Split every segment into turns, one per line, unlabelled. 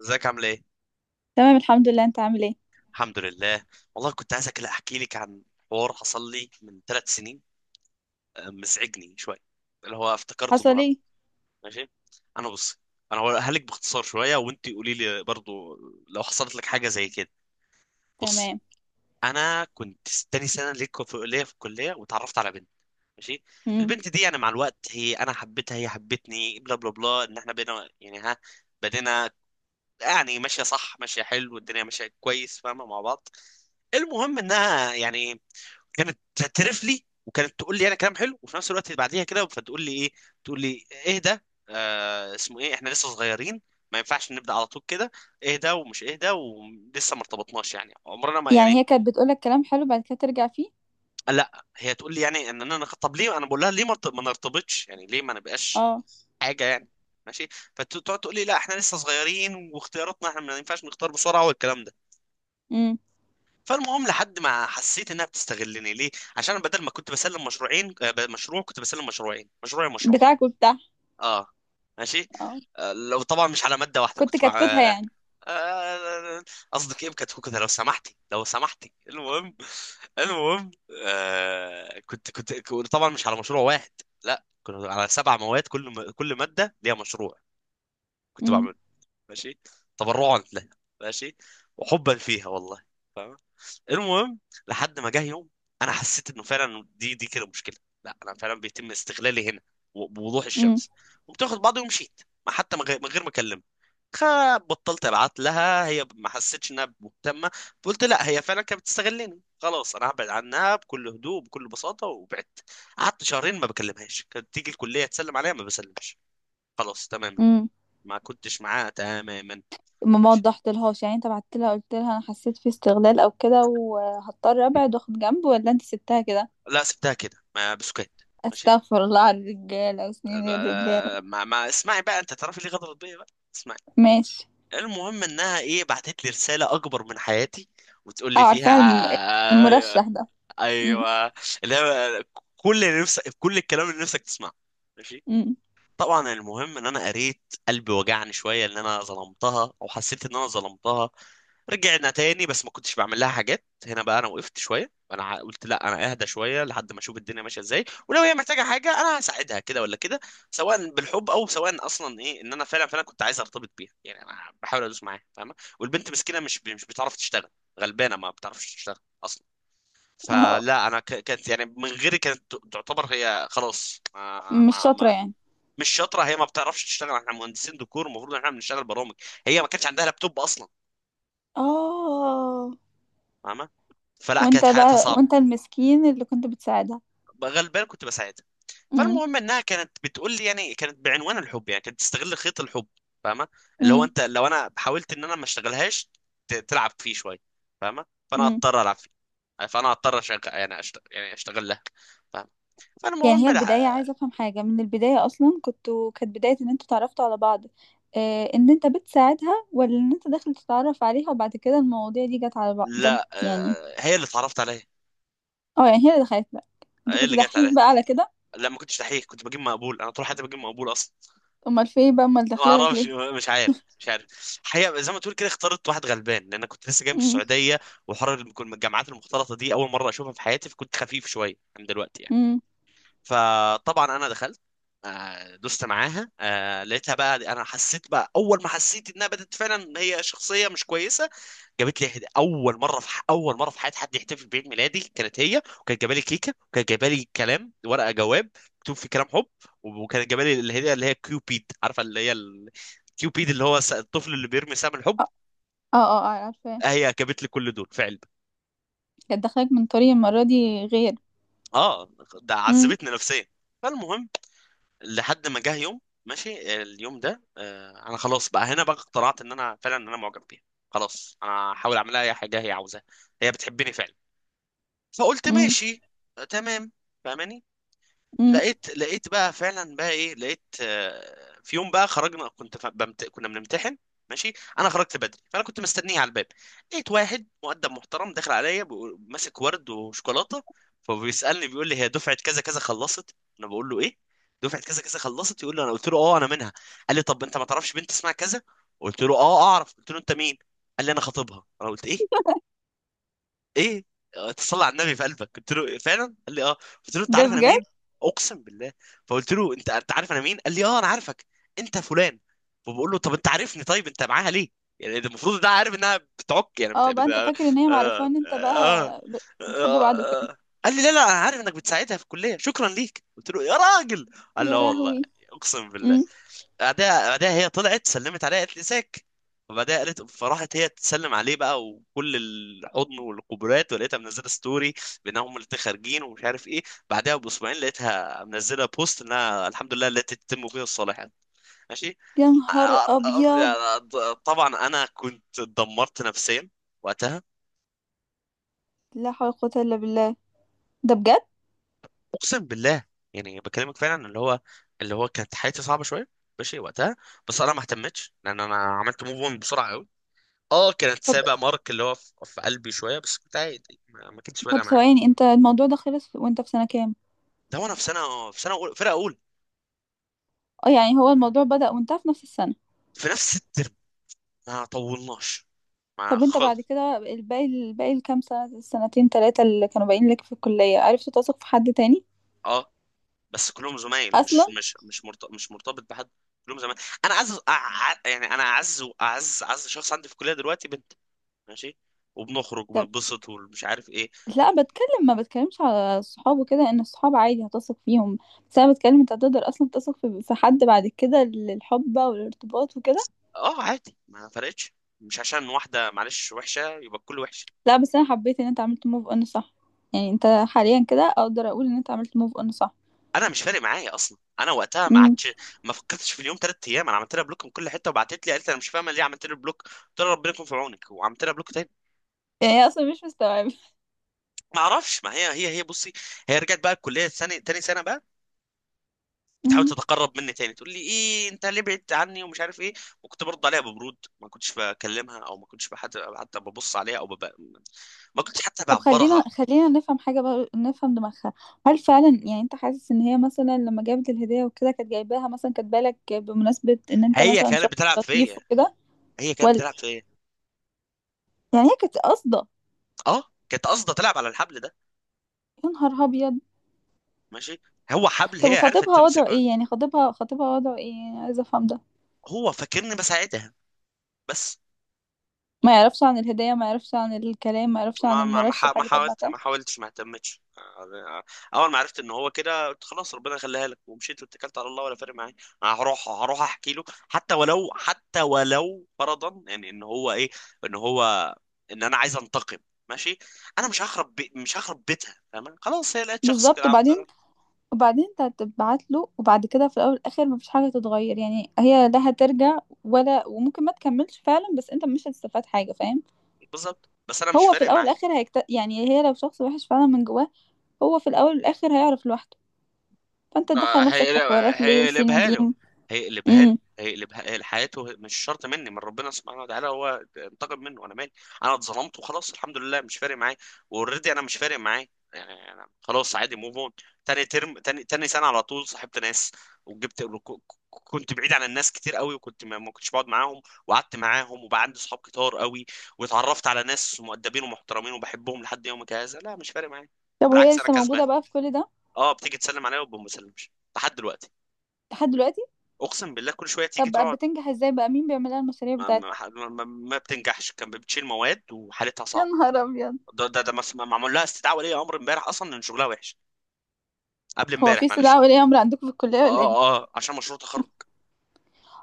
ازيك عامل ايه؟
تمام، الحمد لله. انت عامل ايه؟
الحمد لله. والله كنت عايزك لا احكي لك عن حوار حصل لي من 3 سنين. آه، مزعجني شويه، اللي هو افتكرته
حصل
النهارده.
ايه؟
ماشي. انا بص، انا هقولها لك باختصار شويه وانت قولي لي برضو لو حصلت لك حاجه زي كده. بصي،
تمام.
انا كنت تاني سنه ليا في الكليه وتعرفت على بنت. ماشي.
امم
البنت دي يعني مع الوقت هي انا حبيتها، هي حبتني بلا بلا بلا، ان احنا بينا يعني، ها، بدينا، يعني ماشيه صح، ماشيه حلو، والدنيا ماشيه كويس، فاهمه، مع بعض. المهم انها يعني كانت تعترف لي وكانت تقول لي انا كلام حلو، وفي نفس الوقت بعديها كده فتقول لي ايه، تقول لي اهدى. آه، اسمه ايه، احنا لسه صغيرين، ما ينفعش نبدا على طول كده. اهدى ومش اهدى ولسه ما ارتبطناش يعني، عمرنا ما
يعني
يعني.
هي كانت بتقولك كلام حلو بعد كده ترجع فيه؟
لا، هي تقول لي يعني ان انا طب ليه، انا بقول لها ليه ما نرتبطش يعني، ليه ما نبقاش
اه.
حاجه يعني. ماشي. فتقعد تقول لي لا احنا لسه صغيرين، واختياراتنا احنا ما ينفعش نختار بسرعه، والكلام ده.
امم
فالمهم لحد ما حسيت انها بتستغلني ليه، عشان بدل ما كنت بسلم مشروعين، مشروع، كنت بسلم مشروعين، مشروعي مشروع
بتاعك وبتاع؟
اه. ماشي.
اه.
لو طبعا مش على ماده واحده
كنت
كنت مع
كتكوتها يعني؟
آه، قصدك ايه بكتكوت كده؟ لو سمحتي، لو سمحتي. المهم، المهم، كنت طبعا مش على مشروع واحد، لا كنا على 7 مواد، كل ماده ليها مشروع كنت
امم
بعمله. ماشي. تبرعا لها. ماشي. وحبا فيها والله. المهم، لحد ما جه يوم انا حسيت انه فعلا دي كده مشكله، لا انا فعلا بيتم استغلالي هنا بوضوح
امم
الشمس. قمت واخد بعضي ومشيت، ما حتى من غير ما اكلمها. بطلت ابعت لها، هي ما حسيتش انها مهتمه. قلت لا، هي فعلا كانت بتستغلني، خلاص انا هبعد عنها بكل هدوء بكل بساطه، وبعدت. قعدت شهرين ما بكلمهاش، كانت تيجي الكليه تسلم عليها ما بسلمش. خلاص تماما.
امم
ما كنتش معاها تماما.
ما
ماشي.
وضحتلهاش، يعني انت بعت لها قلت لها انا حسيت في استغلال او كده وهضطر ابعد واخد جنب، ولا انت سبتها كده؟
لا سبتها كده، ما بسكت. ماشي.
استغفر الله على الرجاله وسنين الرجاله!
ب- ما, ما اسمعي بقى، انت تعرفي ليه غدرت بيا بقى. اسمعي.
ماشي.
المهم انها ايه، بعتت لي رساله اكبر من حياتي، وتقول
اه،
لي فيها،
عارفاها
ايوه،
المرشح ده. امم
ايوه، اللي هو، كل اللي نفسك، كل الكلام اللي نفسك تسمعه. ماشي.
امم
طبعا المهم ان انا قريت، قلبي وجعني شويه ان انا ظلمتها، او حسيت ان انا ظلمتها. رجعنا تاني، بس ما كنتش بعمل لها حاجات هنا بقى، انا وقفت شويه، انا قلت لا، انا اهدى شويه لحد ما اشوف الدنيا ماشيه ازاي، ولو هي محتاجه حاجه انا هساعدها كده ولا كده، سواء بالحب او سواء اصلا ايه، ان انا فعلا كنت عايز ارتبط بيها يعني، انا بحاول ادوس معاها، فاهمه، والبنت مسكينه، مش بتعرف تشتغل، غلبانه ما بتعرفش تشتغل اصلا.
اه.
فلا انا كانت يعني من غيري كانت تعتبر هي خلاص
مش شاطره
ما,
يعني.
مش شاطره، هي ما بتعرفش تشتغل، احنا مهندسين ديكور المفروض ان احنا بنشتغل برامج، هي ما كانش عندها لابتوب اصلا،
اه.
فاهمه. فلا
وانت
كانت حياتها
بقى،
صعبه،
وانت المسكين اللي كنت بتساعدها.
غلبان كنت بساعدها.
امم
فالمهم انها كانت بتقول لي يعني، كانت بعنوان الحب، يعني كانت بتستغل خيط الحب، فاهمه، اللي هو،
امم
انت لو انا حاولت ان انا ما اشتغلهاش تلعب فيه شويه، فاهمه، فانا
امم
اضطر العب فيه، فانا اضطر اشغل يعني أشتغل يعني اشتغل لها، فاهمه.
يعني
فالمهم
هي البداية، عايزة افهم حاجة. من البداية اصلا كنتوا، كانت بداية ان انتوا تعرفتوا على بعض، اه، ان انت بتساعدها ولا ان انت داخل تتعرف عليها، وبعد كده المواضيع دي جت على بعض جت
لا،
يعني؟
هي اللي اتعرفت عليها،
اه، يعني هي اللي دخلت لك. انت
هي
كنت
اللي جت
دحيح
عليها.
بقى على كده؟
لا، ما كنتش دحيح، كنت بجيب مقبول، انا طول حياتي بجيب مقبول اصلا.
امال في ايه بقى؟ امال
ما
داخله لك
اعرفش،
ليه؟
مش عارف، مش عارف. حقيقة زي ما تقول كده، اخترت واحد غلبان، لان كنت لسه جاي من
امم
السعودية وحر. الجامعات المختلطة دي اول مرة اشوفها في حياتي، فكنت خفيف شوية عن دلوقتي يعني.
امم
فطبعا انا دخلت، دست معاها، لقيتها بقى، انا حسيت بقى، اول ما حسيت انها بدات فعلا هي شخصية مش كويسة. جابت لي اول مره اول مره في حياتي حد يحتفل بعيد ميلادي كانت هي، وكانت جايبه لي كيكه، وكانت جايبه لي كلام، ورقه جواب مكتوب فيه كلام حب، وكانت جايبه لي الهديه اللي هي كيوبيد، عارفه اللي هي كيوبيد اللي هو الطفل اللي بيرمي سهم الحب.
اه، اه، اه، عارفة.
هي جابت لي كل دول في علبه.
كانت داخلك من طريق المرة دي غير؟
اه. ده
امم
عذبتني نفسيا. فالمهم لحد ما جه يوم، ماشي اليوم ده، آه، انا خلاص بقى هنا بقى اقتنعت ان انا فعلا ان انا معجب بيها، خلاص انا هحاول اعمل لها اي حاجه هي عاوزاها، هي بتحبني فعلا. فقلت
امم
ماشي، آه، تمام، فاهماني.
امم
لقيت بقى فعلا بقى ايه، لقيت، آه، في يوم بقى خرجنا، كنت كنا بنمتحن. ماشي. انا خرجت بدري فانا كنت مستنيه على الباب. لقيت واحد مؤدب محترم داخل عليا ماسك ورد وشوكولاته، فبيسالني بيقول لي هي دفعه كذا كذا خلصت، انا بقول له ايه، دفعه كذا كذا خلصت، يقول لي انا، قلت له اه انا منها. قال لي طب انت ما تعرفش بنت اسمها كذا؟ قلت له اه اعرف. قلت له انت مين؟ قال لي انا خطيبها. انا قلت ايه، ايه، آه، تصلي على النبي في قلبك؟ قلت له فعلا؟ قال لي اه. قلت له انت
ده
عارف انا مين؟
بجد؟
اقسم بالله. فقلت له انت عارف انا مين؟ قال لي اه انا عارفك، انت فلان. فبقول له طب انت عارفني، طيب انت معاها ليه؟ يعني ده المفروض ده عارف انها بتعك، يعني
اه، بقى انت فاكر ان هي معرفة ان انت بقى
آه... آه...
بتحبوا بعض وكده؟
آه... قال لي لا لا انا عارف انك بتساعدها في الكليه، شكرا ليك. قلت له يا راجل. قال لي
يا
اه والله.
لهوي!
اقسم بالله.
امم
بعدها هي طلعت سلمت عليها قالت لي ازيك، وبعدها قالت، فراحت هي تسلم عليه بقى، وكل الحضن والقبرات، ولقيتها منزله ستوري بانهم هم الاتنين خارجين ومش عارف ايه. بعدها باسبوعين لقيتها منزله بوست انها الحمد لله التي تتم فيها الصالحات. ماشي.
يا نهار ابيض!
طبعا انا كنت اتدمرت نفسيا وقتها،
لا حول ولا قوة الا بالله. ده بجد؟
اقسم بالله، يعني بكلمك فعلا، اللي هو، اللي هو كانت حياتي صعبه شويه ماشي وقتها. بس انا ما اهتمتش، لان انا عملت موف اون بسرعه. اه، كانت
طب
سابقة مارك اللي هو في قلبي شوية، بس كنت عادي، ما كانتش
طب
فارقة معايا.
ثواني، انت الموضوع ده خلص وانت في سنة كام؟
ده وانا في سنة أولى، فرقة أولى.
اه، يعني هو الموضوع بدأ وانتهى في نفس السنة؟
في نفس الترم، ما طولناش، ما
طب انت بعد
خالص.
كده، الباقي الكام سنة، السنتين تلاتة اللي كانوا باقيين لك في الكلية، عرفت تثق في حد تاني؟
اه، بس كلهم زمايل،
اصلا؟
مش مرتبط بحد، كلهم زمايل. انا اعز يعني انا اعز واعز اعز شخص عندي في الكلية دلوقتي بنت. ماشي. وبنخرج وبنبسط ومش عارف ايه.
لا، بتكلم، ما بتكلمش على الصحاب وكده، ان الصحاب عادي هتثق فيهم. بس انا بتكلم انت هتقدر اصلا تثق في حد بعد كده للحب بقى والارتباط وكده؟
اه، عادي، ما فرقتش، مش عشان واحدة معلش وحشة يبقى الكل وحش.
لا، بس انا حبيت ان انت عملت موف اون، صح. يعني انت حاليا كده اقدر اقول ان انت عملت موف اون، صح؟
انا مش فارق معايا اصلا، انا وقتها ما
امم
عادش ما فكرتش في اليوم. 3 ايام انا عملت لها بلوك من كل حته، وبعتت لي قالت لي انا مش فاهمه ليه عملت لي بلوك، قلت لها ربنا يكون في عونك، وعملت لها بلوك تاني.
يعني هي اصلا مش مستوعبه.
ما اعرفش، ما هي بصي، هي رجعت بقى الكليه الثاني تاني سنه بقى، بتحاول
امم
تتقرب مني تاني، تقول لي ايه انت ليه بعدت عني ومش عارف ايه. وكنت برد عليها ببرود، ما كنتش بكلمها، او ما كنتش بحد حتى ببص عليها او ما كنتش حتى
طب
بعبرها.
خلينا نفهم حاجه بقى، نفهم دماغها. هل فعلا يعني انت حاسس ان هي مثلا لما جابت الهديه وكده كانت جايباها مثلا كاتبه لك بمناسبه ان انت
هي
مثلا شخص
كانت بتلعب
لطيف
فيا،
وكده؟
هي كانت
ولا
بتلعب فيا.
يعني هي كانت قاصده؟
اه، كانت قاصده تلعب على الحبل ده،
يا نهار ابيض!
ماشي، هو حبل
طب
هي عرفت
خطيبها وضعه
تمسكه.
ايه؟ يعني خطيبها وضعه ايه؟ يعني عايزه افهم ده.
هو فاكرني بساعدها بس.
ما يعرفش عن الهدية، ما يعرفش عن الكلام، ما يعرفش عن المرشح اللي كانت بعتها؟
ما حاولتش، ما اهتمتش، اول ما عرفت ان هو كده قلت خلاص ربنا يخليها لك، ومشيت واتكلت على الله، ولا فارق معايا. انا هروح احكي له، حتى ولو فرضا، يعني ان هو ايه، ان هو، ان انا عايز انتقم. ماشي. انا مش هخرب بيتها، فاهم؟ خلاص، هي لقيت شخص كده
بالظبط،
عبد.
وبعدين؟ وبعدين انت هتبعت له، وبعد كده في الاول والاخر ما فيش حاجة تتغير، يعني هي لا هترجع ولا، وممكن ما تكملش فعلا، بس انت مش هتستفاد حاجة، فاهم؟
بالظبط، بس انا مش
هو في
فارق
الاول
معايا.
والاخر يعني هي لو شخص وحش فعلا من جواه، هو في الاول والاخر هيعرف لوحده. فانت تدخل نفسك في حوارات ليه وسين
هيقلبها له،
وجيم؟
هيقلبها له،
امم
هيقلبها حياته، مش شرط مني، من ربنا سبحانه وتعالى هو انتقم منه، انا مالي. انا اتظلمت وخلاص، الحمد لله، مش فارق معايا. واوريدي انا مش فارق معايا يعني، انا خلاص عادي موف اون. تاني ترم تاني سنه، على طول صاحبت ناس، وجبت ك- كنت بعيد عن الناس كتير قوي، وكنت ما كنتش بقعد معاهم، وقعدت معاهم، وبقى عندي صحاب كتار قوي، واتعرفت على ناس مؤدبين ومحترمين وبحبهم لحد يومك هذا. لا، مش فارق معايا،
طب وهي
بالعكس انا
لسه
كسبان.
موجودة بقى في كل ده؟
اه، بتيجي تسلم عليا وما بسلمش لحد دلوقتي.
لحد دلوقتي؟
اقسم بالله كل شويه تيجي
طب بقى
تقعد.
بتنجح ازاي بقى؟ مين بيعمل لها المشاريع
ما,
بتاعتها؟
ما, ما, ما ما بتنجحش، كان بتشيل مواد وحالتها
يا
صعبه.
نهار ابيض!
ده معمول لها استدعاء ولي امر امبارح، اصلا ان شغلها وحش، قبل
هو
امبارح،
في
معلش.
استدعاء ولي امر عندكم في الكليه ولا ايه؟
اه، اه، عشان مشروع تخرج.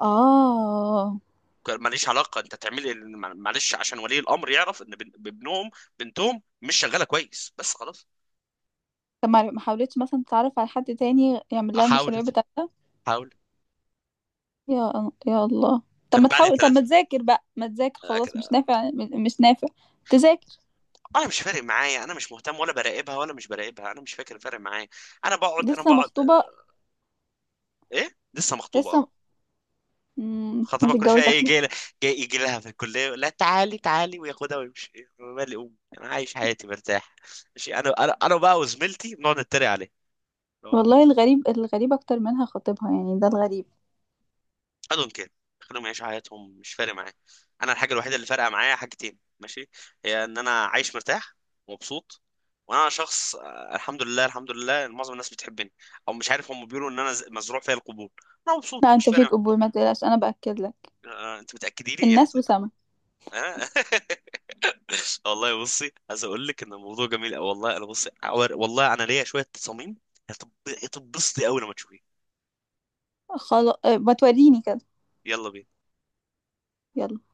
اه.
كان ماليش علاقه، انت تعملي معلش، عشان ولي الامر يعرف ان ابنهم، بنتهم، مش شغاله كويس، بس خلاص.
طب ما حاولتش مثلا تتعرف على حد تاني يعمل لها المشاريع
حاولت،
بتاعتها؟
حاولت.
يا الله! طب
كان
ما
بعد
تحاول، طب ما
ثلاثه
تذاكر بقى ما تذاكر، خلاص مش
كده.
نافع مش نافع. تذاكر.
انا مش فارق معايا، انا مش مهتم، ولا براقبها ولا مش براقبها، انا مش فاكر فارق معايا. انا بقعد،
لسه مخطوبه؟
ايه، لسه مخطوبه، اه.
لسه. ما
خطيبها كل شويه
تتجوز
ايه
اخلي.
جاي، جاي يجي لها في الكليه يقول لها تعالي تعالي وياخدها ويمشي. إيه، مالي، امي، انا عايش حياتي مرتاح. ماشي، انا بقى وزميلتي بنقعد نتريق عليه، اللي هو
والله، الغريب الغريب اكتر منها خطيبها، يعني ده الغريب.
I don't care. خليهم يعيشوا حياتهم، مش فارق معايا. انا الحاجه الوحيده اللي فارقه معايا حاجتين، ماشي، هي ان انا عايش مرتاح ومبسوط. وانا شخص، آه، الحمد لله، الحمد لله إن معظم الناس بتحبني، او مش عارف، هم بيقولوا ان انا مزروع فيا القبول. انا مبسوط،
لا،
مش
انت
فارق
فيك
معايا.
قبول، ما تقلقش، انا باكد لك.
آه، انت متاكدي لي يعني؟
الناس وسامه.
آه؟ والله بصي، عايز اقول لك ان الموضوع جميل أوي. والله انا بصي، والله انا ليا شويه تصاميم، هتب- هتتبسطي قوي لما تشوفيه.
خلاص، ما توريني كده.
يلا بينا.
يلا.